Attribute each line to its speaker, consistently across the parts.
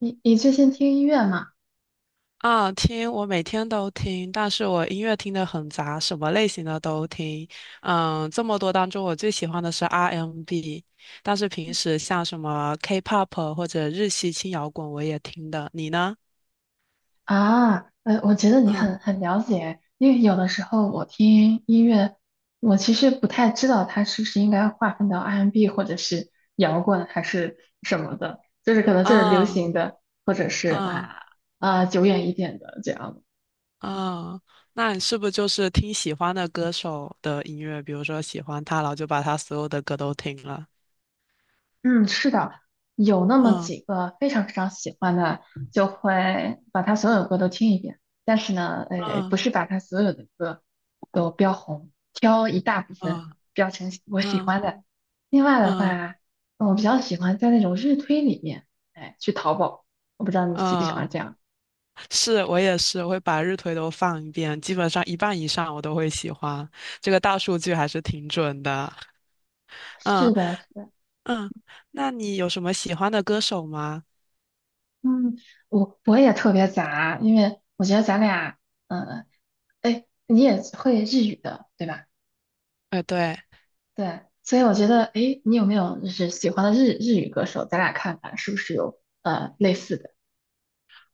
Speaker 1: 你最近听音乐吗？
Speaker 2: 啊，听，我每天都听，但是我音乐听得很杂，什么类型的都听。嗯，这么多当中，我最喜欢的是 R&B，但是平时像什么 K-pop 或者日系轻摇滚我也听的。你呢？
Speaker 1: 我觉得你
Speaker 2: 嗯，
Speaker 1: 很了解，因为有的时候我听音乐，我其实不太知道它是不是应该划分到 R&B 或者是摇滚还是什么的，就是可能就是流
Speaker 2: 啊，
Speaker 1: 行的，是
Speaker 2: 啊，
Speaker 1: 啊、久远一点的这样。
Speaker 2: 啊，那你是不是就是听喜欢的歌手的音乐，比如说喜欢他，然后就把他所有的歌都听了？
Speaker 1: 嗯，是的，有那么
Speaker 2: 嗯
Speaker 1: 几个非常非常喜欢的，就会把他所有歌都听一遍。但是呢，哎，不
Speaker 2: 嗯
Speaker 1: 是把他所有的歌都标红，挑一大部分
Speaker 2: 嗯
Speaker 1: 标成我喜
Speaker 2: 嗯
Speaker 1: 欢的。另外的
Speaker 2: 嗯
Speaker 1: 话，我比较喜欢在那种日推里面，哎，去淘宝。我不知道你
Speaker 2: 嗯。
Speaker 1: 喜不喜欢
Speaker 2: 啊，
Speaker 1: 这样。
Speaker 2: 是我也是，我会把日推都放一遍，基本上一半以上我都会喜欢。这个大数据还是挺准的。
Speaker 1: 是
Speaker 2: 嗯
Speaker 1: 的，是的。
Speaker 2: 嗯，那你有什么喜欢的歌手吗？
Speaker 1: 嗯，我也特别杂，因为我觉得咱俩，嗯，哎，你也会日语的，对吧？
Speaker 2: 哎，对。
Speaker 1: 对，所以我觉得，哎，你有没有就是喜欢的日语歌手？咱俩看看是不是有类似的。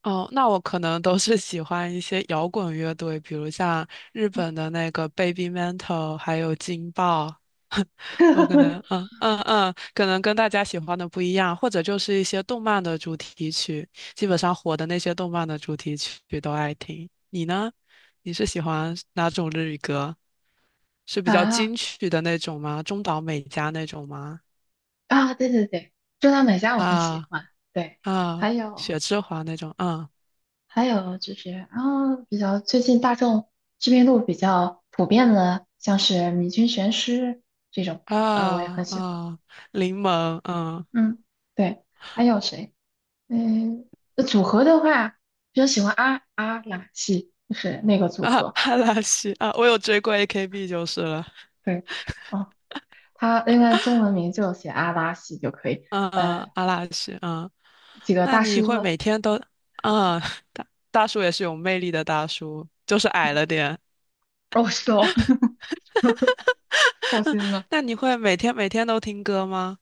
Speaker 2: 哦，那我可能都是喜欢一些摇滚乐队，比如像日本的那个 Baby Metal，还有劲爆。我可能，可能跟大家喜欢的不一样，或者就是一些动漫的主题曲，基本上火的那些动漫的主题曲都爱听。你呢？你是喜欢哪种日语歌？是比较
Speaker 1: 啊
Speaker 2: 金曲的那种吗？中岛美嘉那种吗？
Speaker 1: 啊，对对对，中岛美嘉我很喜
Speaker 2: 啊
Speaker 1: 欢，对，
Speaker 2: 啊，
Speaker 1: 还有
Speaker 2: 雪之华那种，嗯
Speaker 1: 还有就是啊，比较最近大众知名度比较普遍的，像是米津玄师这种，嗯、我也
Speaker 2: 啊
Speaker 1: 很喜欢，
Speaker 2: 啊，柠檬，嗯
Speaker 1: 嗯，对，还有谁？嗯，那组合的话，比较喜欢阿拉西，就是那个组
Speaker 2: 啊，
Speaker 1: 合，
Speaker 2: 阿拉西啊，我有追过 AKB 就是了。
Speaker 1: 对。哦，他应该中文名就写阿拉西就可以。
Speaker 2: 嗯嗯，
Speaker 1: 呃，
Speaker 2: 阿拉西，嗯，
Speaker 1: 几个
Speaker 2: 那
Speaker 1: 大
Speaker 2: 你
Speaker 1: 叔
Speaker 2: 会
Speaker 1: 了，
Speaker 2: 每天都，嗯，大叔也是有魅力的大叔，就是矮了 点。
Speaker 1: 哦，是哦，伤 心了。
Speaker 2: 那你会每天每天都听歌吗？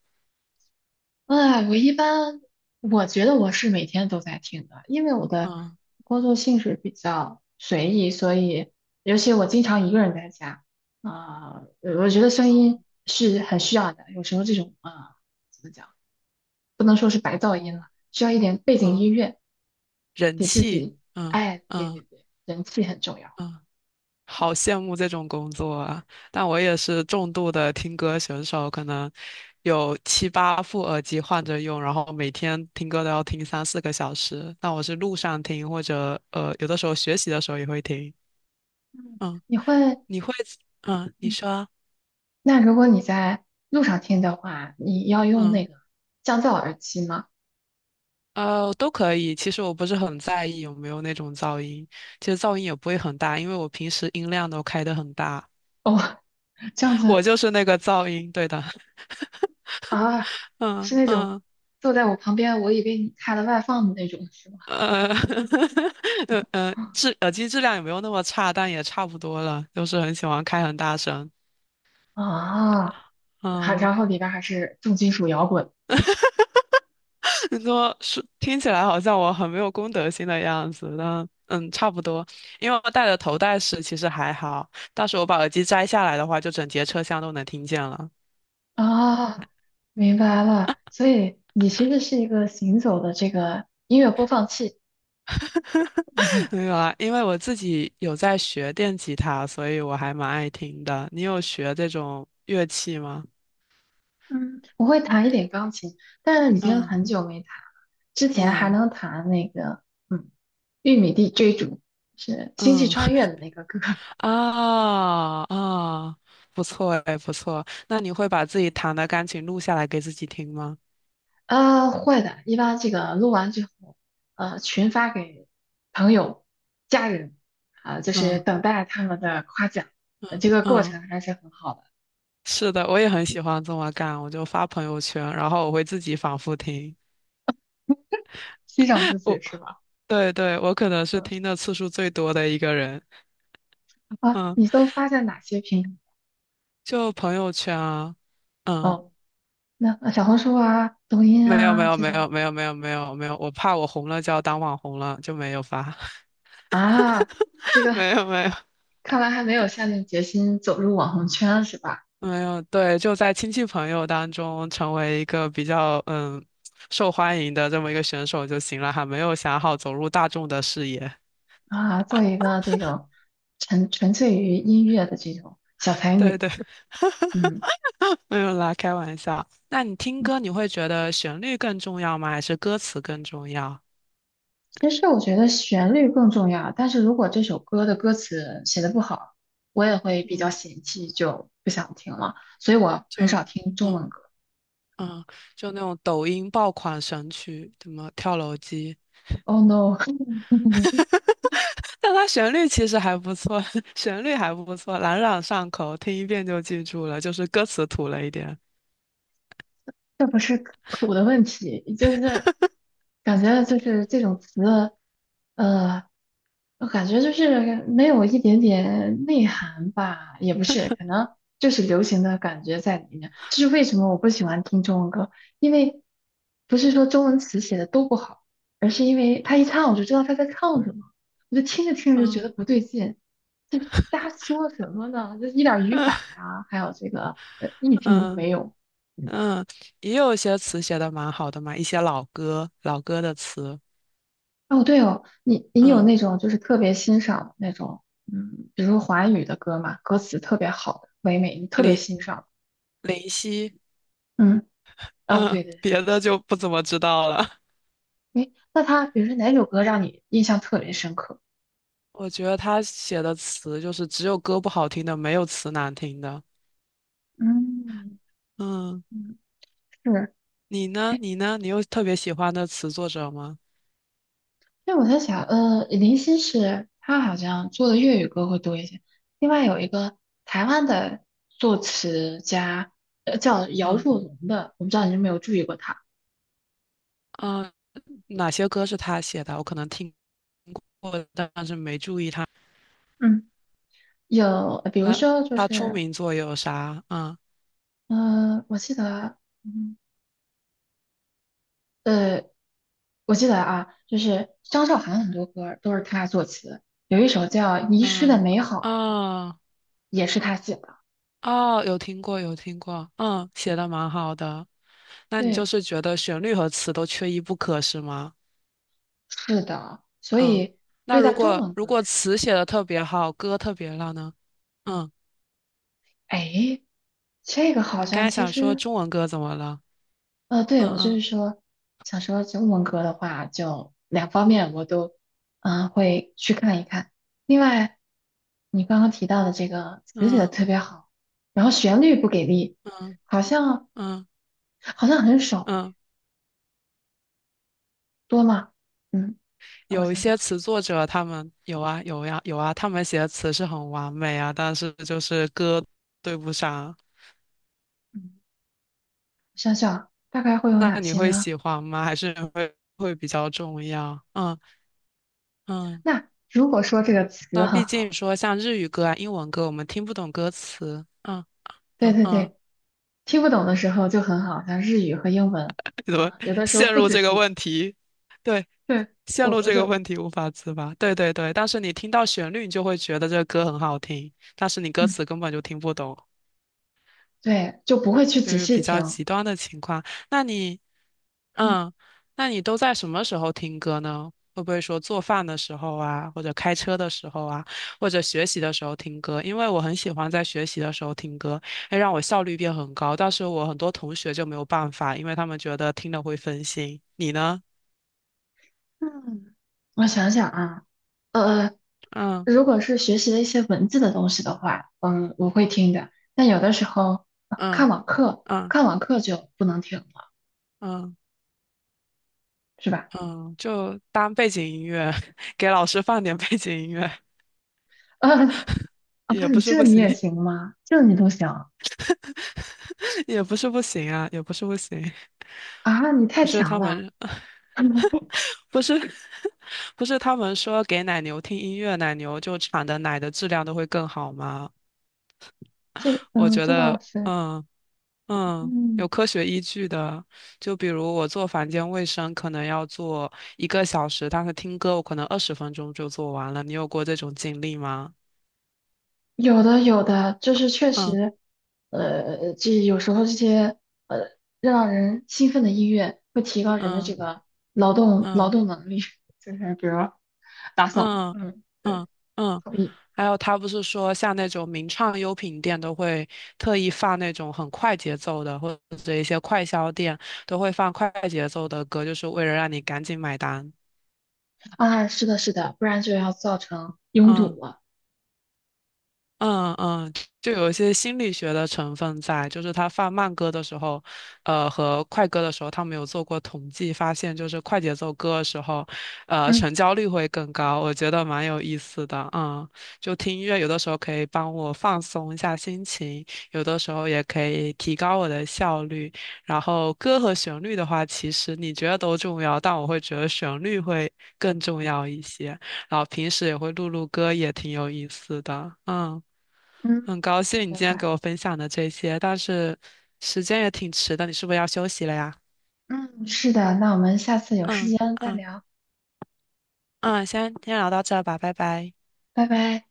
Speaker 1: 哎，我一般我觉得我是每天都在听的，因为我的
Speaker 2: 嗯，
Speaker 1: 工作性质比较随意，所以尤其我经常一个人在家，啊、我觉得声
Speaker 2: 哦，
Speaker 1: 音是很需要的。有时候这种怎么讲，不能说是白噪音了，
Speaker 2: 哦，
Speaker 1: 需要一点背景
Speaker 2: 哦，
Speaker 1: 音乐，
Speaker 2: 人
Speaker 1: 给自
Speaker 2: 气，
Speaker 1: 己，
Speaker 2: 嗯
Speaker 1: 哎，对对
Speaker 2: 嗯
Speaker 1: 对，人气很重要。
Speaker 2: 嗯。好羡慕这种工作啊！但我也是重度的听歌选手，可能有七八副耳机换着用，然后每天听歌都要听3、4个小时。那我是路上听，或者有的时候学习的时候也会听。嗯，
Speaker 1: 你会
Speaker 2: 你会，嗯，你说，
Speaker 1: 那如果你在路上听的话，你要用
Speaker 2: 嗯，
Speaker 1: 那个降噪耳机吗？
Speaker 2: 都可以。其实我不是很在意有没有那种噪音，其实噪音也不会很大，因为我平时音量都开得很大，
Speaker 1: 哦，这样子
Speaker 2: 我就是那个噪音，对的。
Speaker 1: 啊，
Speaker 2: 嗯
Speaker 1: 是那种
Speaker 2: 嗯。
Speaker 1: 坐在我旁边，我以为你开了外放的那种，是吗？
Speaker 2: 呃，耳机质量也没有那么差，但也差不多了，就是很喜欢开很大声。
Speaker 1: 啊，还
Speaker 2: 嗯，
Speaker 1: 然后里边还是重金属摇滚
Speaker 2: 你说是听起来好像我很没有公德心的样子，但差不多。因为我戴的头戴式其实还好，到时候我把耳机摘下来的话，就整节车厢都能听见了。
Speaker 1: 啊，明白了。所以你其实是一个行走的这个音乐播放器。
Speaker 2: 没 有啊，因为我自己有在学电吉他，所以我还蛮爱听的。你有学这种乐器吗？
Speaker 1: 嗯，我会弹一点钢琴，但是已经
Speaker 2: 嗯
Speaker 1: 很久没弹了。之前还
Speaker 2: 嗯
Speaker 1: 能弹那个，嗯，《玉米地追逐》是《星际
Speaker 2: 嗯。
Speaker 1: 穿越》的那个歌。
Speaker 2: 啊啊，不错哎，不错。那你会把自己弹的钢琴录下来给自己听吗？
Speaker 1: 会的，一般这个录完之后，群发给朋友、家人，啊、就是
Speaker 2: 嗯
Speaker 1: 等待他们的夸奖。这个过
Speaker 2: 嗯，
Speaker 1: 程还是很好的，
Speaker 2: 是的，我也很喜欢这么干，我就发朋友圈，然后我会自己反复听。
Speaker 1: 欣赏自 己
Speaker 2: 我
Speaker 1: 是吧？
Speaker 2: 对对，我可能是
Speaker 1: 嗯。
Speaker 2: 听的次数最多的一个人。
Speaker 1: 啊，
Speaker 2: 嗯，
Speaker 1: 你都发在哪些平台？
Speaker 2: 就朋友圈啊，嗯，
Speaker 1: 哦，那小红书啊、抖音
Speaker 2: 没有没
Speaker 1: 啊
Speaker 2: 有
Speaker 1: 这
Speaker 2: 没
Speaker 1: 种。
Speaker 2: 有没有没有没有没有，我怕我红了就要当网红了，就没有发，
Speaker 1: 啊，这 个。
Speaker 2: 没有没有。
Speaker 1: 看来还没有下定决心走入网红圈是吧？
Speaker 2: 没有，对，就在亲戚朋友当中成为一个比较受欢迎的这么一个选手就行了，还没有想好走入大众的视野。
Speaker 1: 啊，做一个这种纯粹于音乐的这种小才
Speaker 2: 对
Speaker 1: 女，
Speaker 2: 对，
Speaker 1: 嗯，
Speaker 2: 没有啦，开玩笑。那你听
Speaker 1: 嗯，
Speaker 2: 歌，你会觉得旋律更重要吗？还是歌词更重要？
Speaker 1: 其实我觉得旋律更重要，但是如果这首歌的歌词写的不好，我也会比较
Speaker 2: 嗯，
Speaker 1: 嫌弃，就不想听了，所以我很少
Speaker 2: 就
Speaker 1: 听中
Speaker 2: 嗯
Speaker 1: 文歌。
Speaker 2: 嗯，就那种抖音爆款神曲，什么跳楼机，
Speaker 1: Oh no,
Speaker 2: 但它旋律其实还不错，旋律还不错，朗朗上口，听一遍就记住了，就是歌词土了一点。
Speaker 1: 这不是土的问题，就是感觉就是这种词，呃，我感觉就是没有一点点内涵吧，也不是，可能就是流行的感觉在里面。这是为什么我不喜欢听中文歌，因为不是说中文词写的都不好，而是因为他一唱我就知道他在唱什么，我就听着听着就觉
Speaker 2: 嗯
Speaker 1: 得不对劲，这瞎说什么呢？这一点儿语
Speaker 2: 嗯
Speaker 1: 法呀、还有这个意 境都
Speaker 2: 嗯
Speaker 1: 没有。嗯，
Speaker 2: 嗯，也有一些词写的蛮好的嘛，一些老歌、老歌的词，
Speaker 1: 哦，对哦，你有
Speaker 2: 嗯，
Speaker 1: 那种就是特别欣赏那种，嗯，比如说华语的歌嘛，歌词特别好的，唯美，你特别
Speaker 2: 林
Speaker 1: 欣赏。
Speaker 2: 林夕，
Speaker 1: 嗯，啊，
Speaker 2: 嗯，
Speaker 1: 对对
Speaker 2: 别的就不怎么知道了。
Speaker 1: 对，诶，那他比如说哪首歌让你印象特别深刻？
Speaker 2: 我觉得他写的词就是只有歌不好听的，没有词难听的。
Speaker 1: 嗯
Speaker 2: 嗯，
Speaker 1: 嗯，是，
Speaker 2: 你呢？
Speaker 1: 诶，
Speaker 2: 你呢？你有特别喜欢的词作者吗？
Speaker 1: 那我在想，林夕是他好像做的粤语歌会多一些，另外有一个台湾的作词家，叫姚
Speaker 2: 嗯
Speaker 1: 若龙的，我不知道你有没有注意过他。
Speaker 2: 嗯，哪些歌是他写的？我可能听
Speaker 1: 嗯。有，比如
Speaker 2: 他
Speaker 1: 说就
Speaker 2: 他出
Speaker 1: 是
Speaker 2: 名作有啥？嗯
Speaker 1: 嗯，我记得，嗯呃，我记得啊，就是张韶涵很多歌都是她作词，有一首叫《遗失的
Speaker 2: 嗯
Speaker 1: 美好》，
Speaker 2: 啊。哦
Speaker 1: 也是她写的。
Speaker 2: 哦，有听过，有听过，嗯，写的蛮好的。那你就
Speaker 1: 对，
Speaker 2: 是觉得旋律和词都缺一不可，是吗？
Speaker 1: 是的，所
Speaker 2: 嗯，
Speaker 1: 以
Speaker 2: 那
Speaker 1: 对待
Speaker 2: 如
Speaker 1: 中
Speaker 2: 果
Speaker 1: 文
Speaker 2: 如
Speaker 1: 歌
Speaker 2: 果
Speaker 1: 是，
Speaker 2: 词写的特别好，歌特别烂呢？嗯，
Speaker 1: 哎，这个好
Speaker 2: 你刚
Speaker 1: 像
Speaker 2: 才
Speaker 1: 其
Speaker 2: 想说
Speaker 1: 实。
Speaker 2: 中文歌怎么了？
Speaker 1: 对，我就是
Speaker 2: 嗯
Speaker 1: 说，想说中文歌的话，就两方面我都，嗯、会去看一看。另外，你刚刚提到的这个词写的
Speaker 2: 嗯
Speaker 1: 特
Speaker 2: 嗯
Speaker 1: 别好，然后旋律不给力，
Speaker 2: 嗯
Speaker 1: 好像
Speaker 2: 嗯
Speaker 1: 好像很少
Speaker 2: 嗯，
Speaker 1: 多吗？嗯，那我
Speaker 2: 有一
Speaker 1: 想想，
Speaker 2: 些词作者他们有啊有呀有啊，他们写的词是很完美啊，但是就是歌对不上。
Speaker 1: 嗯，想想啊大概会有
Speaker 2: 那
Speaker 1: 哪
Speaker 2: 你
Speaker 1: 些
Speaker 2: 会
Speaker 1: 呢？
Speaker 2: 喜欢吗？还是会比较重要？嗯嗯。
Speaker 1: 那如果说这个词
Speaker 2: 那
Speaker 1: 很
Speaker 2: 毕竟
Speaker 1: 好，
Speaker 2: 说像日语歌啊、英文歌，我们听不懂歌词。嗯
Speaker 1: 对
Speaker 2: 嗯
Speaker 1: 对
Speaker 2: 嗯，
Speaker 1: 对，听不懂的时候就很好，像日语和英文，
Speaker 2: 怎么
Speaker 1: 啊、有的时候
Speaker 2: 陷
Speaker 1: 不
Speaker 2: 入
Speaker 1: 仔
Speaker 2: 这个
Speaker 1: 细，
Speaker 2: 问题？对，
Speaker 1: 对，
Speaker 2: 陷
Speaker 1: 我
Speaker 2: 入
Speaker 1: 我
Speaker 2: 这个
Speaker 1: 就。
Speaker 2: 问题无法自拔。对对对，但是你听到旋律，你就会觉得这个歌很好听，但是你歌
Speaker 1: 嗯。
Speaker 2: 词根本就听不懂。
Speaker 1: 对，就不会去
Speaker 2: 就
Speaker 1: 仔
Speaker 2: 是
Speaker 1: 细
Speaker 2: 比较
Speaker 1: 听。
Speaker 2: 极端的情况。那你，
Speaker 1: 嗯，
Speaker 2: 嗯，那你都在什么时候听歌呢？会不会说做饭的时候啊，或者开车的时候啊，或者学习的时候听歌？因为我很喜欢在学习的时候听歌，会让我效率变很高。但是我很多同学就没有办法，因为他们觉得听了会分心。你呢？
Speaker 1: 嗯，我想想啊，呃，
Speaker 2: 嗯
Speaker 1: 如果是学习了一些文字的东西的话，嗯，我会听的。但有的时候，
Speaker 2: 嗯
Speaker 1: 看网课，
Speaker 2: 嗯
Speaker 1: 看网课就不能听了，
Speaker 2: 嗯
Speaker 1: 是吧？
Speaker 2: 嗯，就当背景音乐，给老师放点背景音乐，
Speaker 1: 啊啊，
Speaker 2: 也不
Speaker 1: 你
Speaker 2: 是
Speaker 1: 这
Speaker 2: 不
Speaker 1: 你
Speaker 2: 行，
Speaker 1: 也行吗？这你都行
Speaker 2: 也不是不行啊，也不是不行。
Speaker 1: 啊？你太
Speaker 2: 不是
Speaker 1: 强
Speaker 2: 他
Speaker 1: 了！
Speaker 2: 们，不是 不是他们说给奶牛听音乐，奶牛就产的奶的质量都会更好吗？
Speaker 1: 这
Speaker 2: 我
Speaker 1: 嗯，
Speaker 2: 觉
Speaker 1: 这倒
Speaker 2: 得，
Speaker 1: 是。
Speaker 2: 嗯有
Speaker 1: 嗯。
Speaker 2: 科学依据的。就比如我做房间卫生，可能要做1个小时，但是听歌我可能20分钟就做完了。你有过这种经历吗？
Speaker 1: 有的有的，就是确
Speaker 2: 嗯
Speaker 1: 实，这有时候这些呃让人兴奋的音乐会提高人的这
Speaker 2: 嗯
Speaker 1: 个劳动劳
Speaker 2: 嗯
Speaker 1: 动能力，就是比如打扫，
Speaker 2: 嗯
Speaker 1: 嗯，对，
Speaker 2: 嗯嗯。
Speaker 1: 同意。
Speaker 2: 还有他不是说像那种名创优品店都会特意放那种很快节奏的，或者一些快销店都会放快节奏的歌，就是为了让你赶紧买单。
Speaker 1: 啊，是的，是的，不然就要造成拥
Speaker 2: 嗯
Speaker 1: 堵了。
Speaker 2: 嗯嗯，就有一些心理学的成分在，就是他放慢歌的时候，和快歌的时候，他没有做过统计，发现就是快节奏歌的时候，
Speaker 1: 嗯
Speaker 2: 成交率会更高，我觉得蛮有意思的，嗯，就听音乐有的时候可以帮我放松一下心情，有的时候也可以提高我的效率，然后歌和旋律的话，其实你觉得都重要，但我会觉得旋律会更重要一些，然后平时也会录录歌，也挺有意思的，嗯。
Speaker 1: 嗯，
Speaker 2: 很高兴你
Speaker 1: 明
Speaker 2: 今天给
Speaker 1: 白。
Speaker 2: 我分享的这些，但是时间也挺迟的，你是不是要休息了呀？
Speaker 1: 嗯，是的，那我们下次有时
Speaker 2: 嗯
Speaker 1: 间再
Speaker 2: 嗯
Speaker 1: 聊，
Speaker 2: 嗯，先聊到这儿吧，拜拜。
Speaker 1: 拜拜。